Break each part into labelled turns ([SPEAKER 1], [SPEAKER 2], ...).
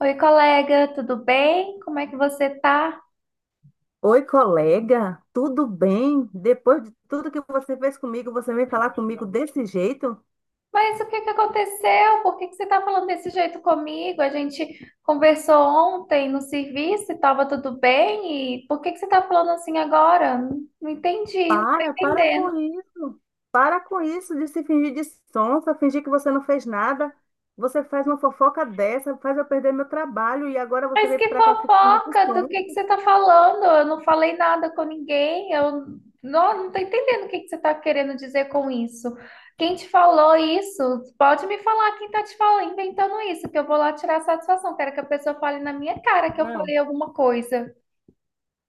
[SPEAKER 1] Oi, colega, tudo bem? Como é que você tá?
[SPEAKER 2] Oi, colega, tudo bem? Depois de tudo que você fez comigo, você vem falar comigo desse jeito?
[SPEAKER 1] Mas o que que aconteceu? Por que que você tá falando desse jeito comigo? A gente conversou ontem no serviço e tava tudo bem, e por que que você tá falando assim agora? Não entendi, não tô
[SPEAKER 2] Para, para com
[SPEAKER 1] entendendo.
[SPEAKER 2] isso. Para com isso de se fingir de sonsa, fingir que você não fez nada. Você faz uma fofoca dessa, faz eu perder meu trabalho e agora você
[SPEAKER 1] Mas
[SPEAKER 2] vem
[SPEAKER 1] que
[SPEAKER 2] para cá se fingir de
[SPEAKER 1] fofoca, do que
[SPEAKER 2] sonsa.
[SPEAKER 1] você tá falando? Eu não falei nada com ninguém, eu não tô entendendo o que que você tá querendo dizer com isso. Quem te falou isso? Pode me falar quem tá te falando, inventando isso, que eu vou lá tirar satisfação. Quero que a pessoa fale na minha cara que eu
[SPEAKER 2] Não.
[SPEAKER 1] falei alguma coisa.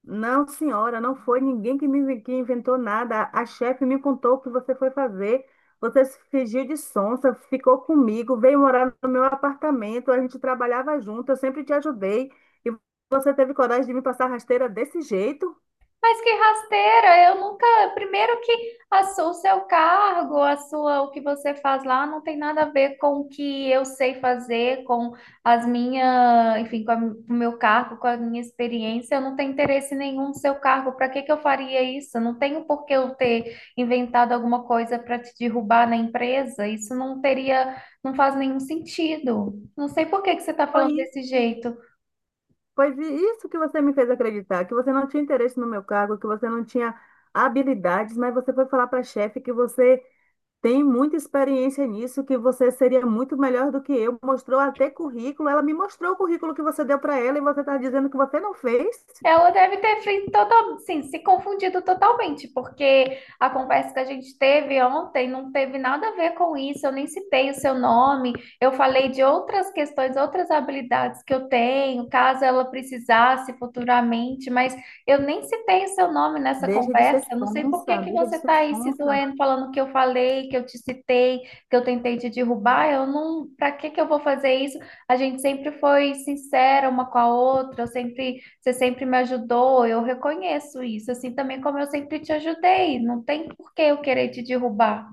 [SPEAKER 2] Não, senhora, não foi ninguém que inventou nada. A chefe me contou o que você foi fazer. Você se fingiu de sonsa, ficou comigo, veio morar no meu apartamento. A gente trabalhava junto, eu sempre te ajudei. E você teve coragem de me passar rasteira desse jeito?
[SPEAKER 1] Mas que rasteira, eu nunca. Primeiro que o seu cargo, a sua, o que você faz lá não tem nada a ver com o que eu sei fazer, com as minhas, enfim, com, com o meu cargo, com a minha experiência. Eu não tenho interesse nenhum no seu cargo. Para que que eu faria isso? Não tenho por que eu ter inventado alguma coisa para te derrubar na empresa. Isso não teria, não faz nenhum sentido. Não sei por que que você está
[SPEAKER 2] Foi,
[SPEAKER 1] falando
[SPEAKER 2] i-
[SPEAKER 1] desse jeito.
[SPEAKER 2] foi vi- Isso que você me fez acreditar, que você não tinha interesse no meu cargo, que você não tinha habilidades, mas você foi falar para a chefe que você tem muita experiência nisso, que você seria muito melhor do que eu. Mostrou até currículo. Ela me mostrou o currículo que você deu para ela e você está dizendo que você não fez.
[SPEAKER 1] Ela deve ter feito total, sim, se confundido totalmente, porque a conversa que a gente teve ontem não teve nada a ver com isso, eu nem citei o seu nome, eu falei de outras questões, outras habilidades que eu tenho, caso ela precisasse futuramente, mas eu nem citei o seu nome nessa
[SPEAKER 2] Deixa de ser
[SPEAKER 1] conversa, eu não sei por que
[SPEAKER 2] sonsa,
[SPEAKER 1] que
[SPEAKER 2] deixa de
[SPEAKER 1] você
[SPEAKER 2] ser
[SPEAKER 1] está aí se
[SPEAKER 2] sonsa.
[SPEAKER 1] doendo, falando que eu falei, que eu te citei, que eu tentei te derrubar, eu não, para que que eu vou fazer isso? A gente sempre foi sincera uma com a outra, eu sempre você sempre me ajudou, eu reconheço isso, assim também como eu sempre te ajudei. Não tem por que eu querer te derrubar.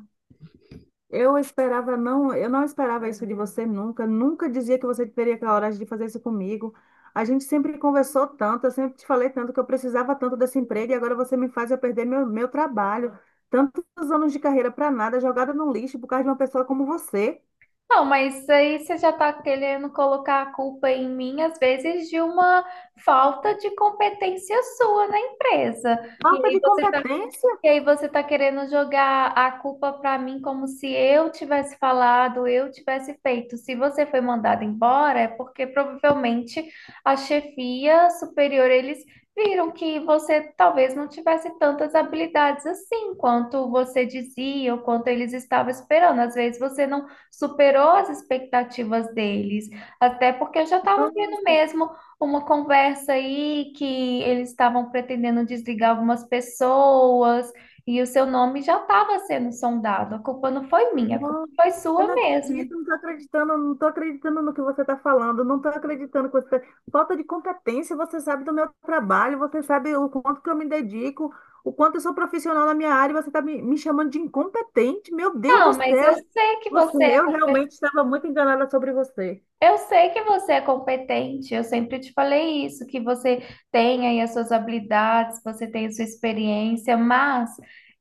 [SPEAKER 2] Eu não esperava isso de você nunca. Nunca dizia que você teria coragem de fazer isso comigo. A gente sempre conversou tanto, eu sempre te falei tanto que eu precisava tanto desse emprego e agora você me faz eu perder meu trabalho. Tantos anos de carreira para nada, jogada no lixo por causa de uma pessoa como você.
[SPEAKER 1] Não, mas aí você já está querendo colocar a culpa em mim, às vezes, de uma falta de competência sua na empresa. E
[SPEAKER 2] Falta
[SPEAKER 1] aí
[SPEAKER 2] de
[SPEAKER 1] você está
[SPEAKER 2] competência.
[SPEAKER 1] E aí você tá querendo jogar a culpa pra mim como se eu tivesse falado, eu tivesse feito. Se você foi mandado embora, é porque provavelmente a chefia superior, eles viram que você talvez não tivesse tantas habilidades assim quanto você dizia ou quanto eles estavam esperando. Às vezes você não superou as expectativas deles, até porque eu já estava vendo
[SPEAKER 2] Nossa,
[SPEAKER 1] mesmo uma conversa aí que eles estavam pretendendo desligar algumas pessoas e o seu nome já estava sendo sondado. A culpa não foi minha, a culpa
[SPEAKER 2] não,
[SPEAKER 1] foi
[SPEAKER 2] eu
[SPEAKER 1] sua
[SPEAKER 2] não
[SPEAKER 1] mesmo.
[SPEAKER 2] acredito, não estou acreditando, não estou acreditando no que você está falando, não estou acreditando que você. Falta de competência, você sabe do meu trabalho, você sabe o quanto que eu me dedico, o quanto eu sou profissional na minha área, e você está me chamando de incompetente, meu Deus do
[SPEAKER 1] Não, mas
[SPEAKER 2] céu!
[SPEAKER 1] eu sei que
[SPEAKER 2] Você,
[SPEAKER 1] você é.
[SPEAKER 2] eu realmente estava muito enganada sobre você.
[SPEAKER 1] Eu sei que você é competente, eu sempre te falei isso, que você tem aí as suas habilidades, você tem a sua experiência, mas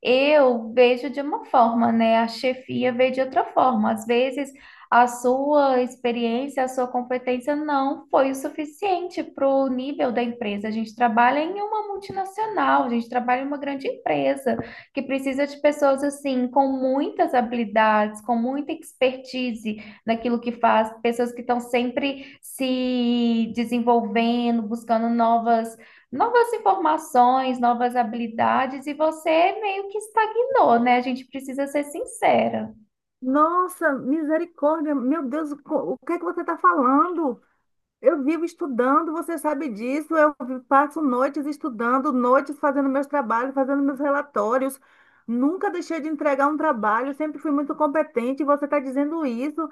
[SPEAKER 1] eu vejo de uma forma, né? A chefia vê de outra forma. Às vezes a sua experiência, a sua competência não foi o suficiente para o nível da empresa. A gente trabalha em uma multinacional, a gente trabalha em uma grande empresa que precisa de pessoas assim, com muitas habilidades, com muita expertise naquilo que faz, pessoas que estão sempre se desenvolvendo, buscando novas, novas informações, novas habilidades, e você meio que estagnou, né? A gente precisa ser sincera.
[SPEAKER 2] Nossa, misericórdia, meu Deus, o que é que você está falando? Eu vivo estudando, você sabe disso. Passo noites estudando, noites fazendo meus trabalhos, fazendo meus relatórios. Nunca deixei de entregar um trabalho, sempre fui muito competente. E você está dizendo isso.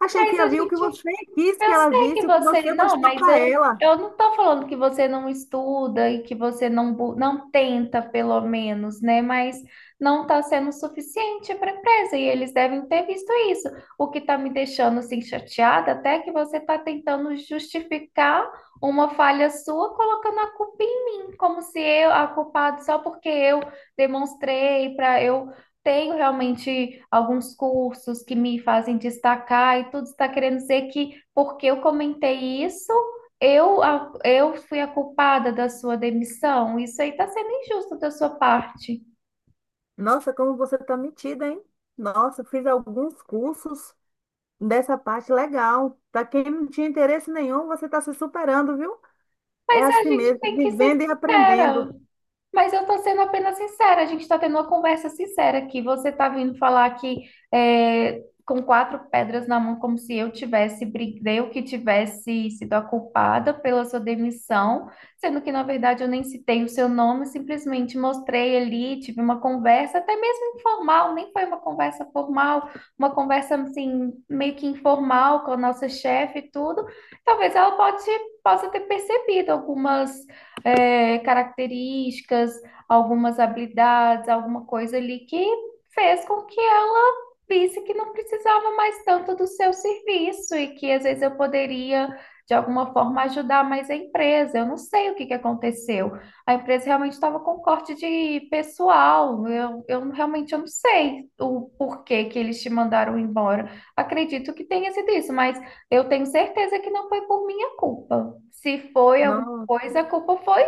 [SPEAKER 2] A
[SPEAKER 1] Mas
[SPEAKER 2] chefia
[SPEAKER 1] a
[SPEAKER 2] viu o que
[SPEAKER 1] gente
[SPEAKER 2] você quis que
[SPEAKER 1] eu
[SPEAKER 2] ela
[SPEAKER 1] sei que
[SPEAKER 2] visse, o que
[SPEAKER 1] você
[SPEAKER 2] você
[SPEAKER 1] não,
[SPEAKER 2] mostrou
[SPEAKER 1] mas
[SPEAKER 2] para ela.
[SPEAKER 1] eu não estou falando que você não estuda e que você não, não tenta, pelo menos, né? Mas não está sendo suficiente para a empresa e eles devem ter visto isso. O que está me deixando assim chateada até é que você está tentando justificar uma falha sua colocando a culpa em mim, como se eu a culpada só porque eu demonstrei para eu tenho realmente alguns cursos que me fazem destacar e tudo está querendo dizer que porque eu comentei isso, eu fui a culpada da sua demissão. Isso aí está sendo injusto da sua parte.
[SPEAKER 2] Nossa, como você está metida, hein? Nossa, fiz alguns cursos dessa parte legal. Para quem não tinha interesse nenhum, você está se superando, viu? É
[SPEAKER 1] Mas a
[SPEAKER 2] assim
[SPEAKER 1] gente
[SPEAKER 2] mesmo,
[SPEAKER 1] tem que ser
[SPEAKER 2] vivendo e
[SPEAKER 1] sincera.
[SPEAKER 2] aprendendo.
[SPEAKER 1] Mas eu tô sendo apenas sincera, a gente tá tendo uma conversa sincera aqui. Você tá vindo falar aqui é, com quatro pedras na mão, como se eu tivesse, eu que tivesse sido a culpada pela sua demissão, sendo que, na verdade, eu nem citei o seu nome, simplesmente mostrei ali, tive uma conversa, até mesmo informal, nem foi uma conversa formal, uma conversa, assim, meio que informal com a nossa chefe e tudo. Talvez ela pode, possa ter percebido algumas é, características, algumas habilidades, alguma coisa ali que fez com que ela visse que não precisava mais tanto do seu serviço e que às vezes eu poderia, de alguma forma, ajudar mais a empresa. Eu não sei o que que aconteceu. A empresa realmente estava com corte de pessoal. Eu realmente eu não sei o porquê que eles te mandaram embora. Acredito que tenha sido isso, mas eu tenho certeza que não foi por minha culpa. Se foi alguma
[SPEAKER 2] Não.
[SPEAKER 1] coisa, a culpa foi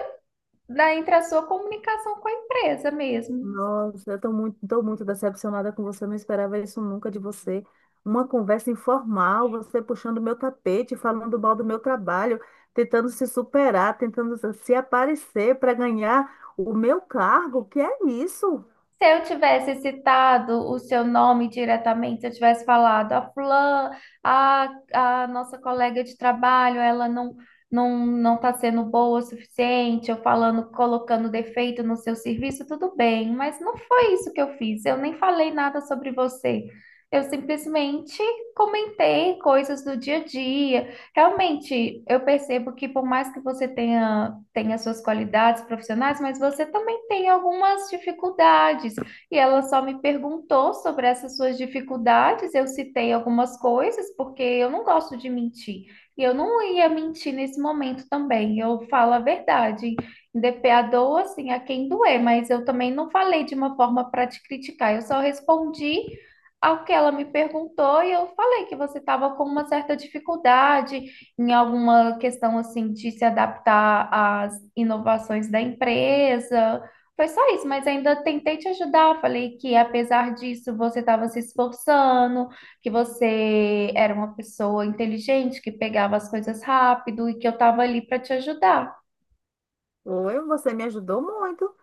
[SPEAKER 1] da, entre a sua comunicação com a empresa mesmo.
[SPEAKER 2] Nossa, tô muito decepcionada com você, não esperava isso nunca de você. Uma conversa informal, você puxando meu tapete, falando mal do meu trabalho, tentando se superar, tentando se aparecer para ganhar o meu cargo. Que é isso?
[SPEAKER 1] Se eu tivesse citado o seu nome diretamente, se eu tivesse falado a fulana, a nossa colega de trabalho, ela não está sendo boa o suficiente, eu falando, colocando defeito no seu serviço, tudo bem, mas não foi isso que eu fiz. Eu nem falei nada sobre você. Eu simplesmente comentei coisas do dia a dia. Realmente, eu percebo que por mais que você tenha tem as suas qualidades profissionais, mas você também tem algumas dificuldades. E ela só me perguntou sobre essas suas dificuldades, eu citei algumas coisas, porque eu não gosto de mentir. E eu não ia mentir nesse momento também, eu falo a verdade. DP a dor, assim, a quem doer, mas eu também não falei de uma forma para te criticar, eu só respondi ao que ela me perguntou e eu falei que você estava com uma certa dificuldade, em alguma questão assim de se adaptar às inovações da empresa. Foi só isso, mas ainda tentei te ajudar. Falei que apesar disso você estava se esforçando, que você era uma pessoa inteligente, que pegava as coisas rápido e que eu estava ali para te ajudar.
[SPEAKER 2] Oi, você me ajudou muito.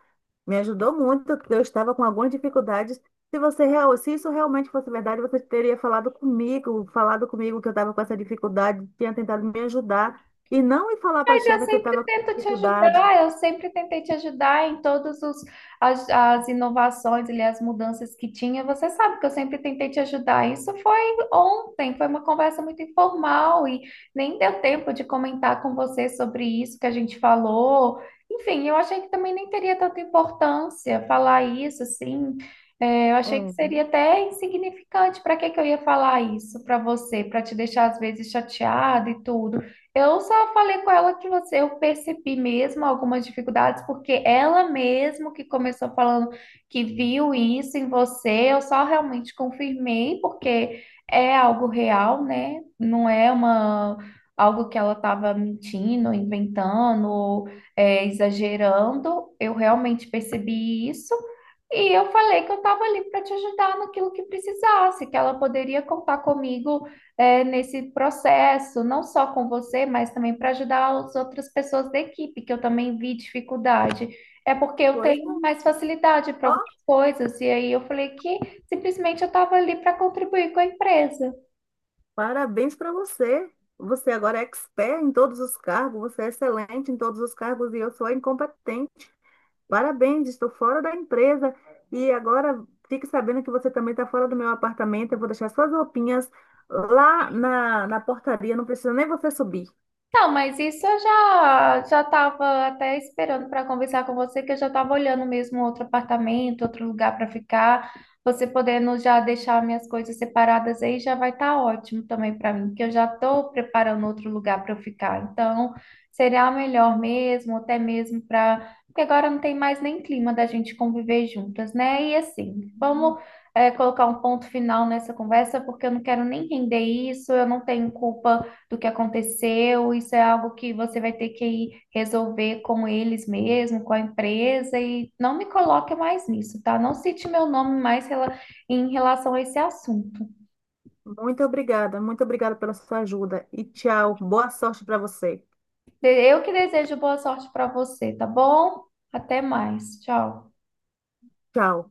[SPEAKER 2] Me ajudou muito, porque eu estava com algumas dificuldades. Se isso realmente fosse verdade, você teria falado comigo que eu estava com essa dificuldade, tinha tentado me ajudar e não ir falar para a
[SPEAKER 1] Mas eu
[SPEAKER 2] chefe que eu
[SPEAKER 1] sempre
[SPEAKER 2] estava com
[SPEAKER 1] tento te
[SPEAKER 2] dificuldade.
[SPEAKER 1] ajudar, eu sempre tentei te ajudar em as inovações e as mudanças que tinha. Você sabe que eu sempre tentei te ajudar. Isso foi ontem, foi uma conversa muito informal e nem deu tempo de comentar com você sobre isso que a gente falou. Enfim, eu achei que também nem teria tanta importância falar isso, assim. É, eu achei que seria
[SPEAKER 2] É,
[SPEAKER 1] até insignificante. Para que que eu ia falar isso para você? Para te deixar às vezes chateado e tudo. Eu só falei com ela que você, eu percebi mesmo algumas dificuldades, porque ela mesmo que começou falando que viu isso em você, eu só realmente confirmei, porque é algo real, né? Não é uma algo que ela estava mentindo, inventando, ou, é, exagerando. Eu realmente percebi isso. E eu falei que eu estava ali para te ajudar naquilo que precisasse, que ela poderia contar comigo é, nesse processo, não só com você, mas também para ajudar as outras pessoas da equipe, que eu também vi dificuldade. É porque eu
[SPEAKER 2] pois
[SPEAKER 1] tenho
[SPEAKER 2] não.
[SPEAKER 1] mais facilidade para
[SPEAKER 2] Ó,
[SPEAKER 1] algumas coisas, e aí eu falei que simplesmente eu estava ali para contribuir com a empresa.
[SPEAKER 2] parabéns para você. Você agora é expert em todos os cargos, você é excelente em todos os cargos e eu sou a incompetente. Parabéns, estou fora da empresa. E agora fique sabendo que você também está fora do meu apartamento. Eu vou deixar suas roupinhas lá na portaria. Não precisa nem você subir.
[SPEAKER 1] Não, mas isso eu já estava até esperando para conversar com você, que eu já estava olhando mesmo outro apartamento, outro lugar para ficar. Você podendo já deixar minhas coisas separadas aí já vai estar ótimo também para mim, porque eu já estou preparando outro lugar para eu ficar. Então, seria melhor mesmo, até mesmo para. Porque agora não tem mais nem clima da gente conviver juntas, né? E assim,
[SPEAKER 2] Hum,
[SPEAKER 1] vamos. Colocar um ponto final nessa conversa, porque eu não quero nem render isso, eu não tenho culpa do que aconteceu, isso é algo que você vai ter que ir resolver com eles mesmo, com a empresa, e não me coloque mais nisso, tá? Não cite meu nome mais em relação a esse assunto.
[SPEAKER 2] Muito obrigada, muito obrigada pela sua ajuda. E tchau. Boa sorte para você.
[SPEAKER 1] Eu que desejo boa sorte para você, tá bom? Até mais. Tchau.
[SPEAKER 2] Tchau.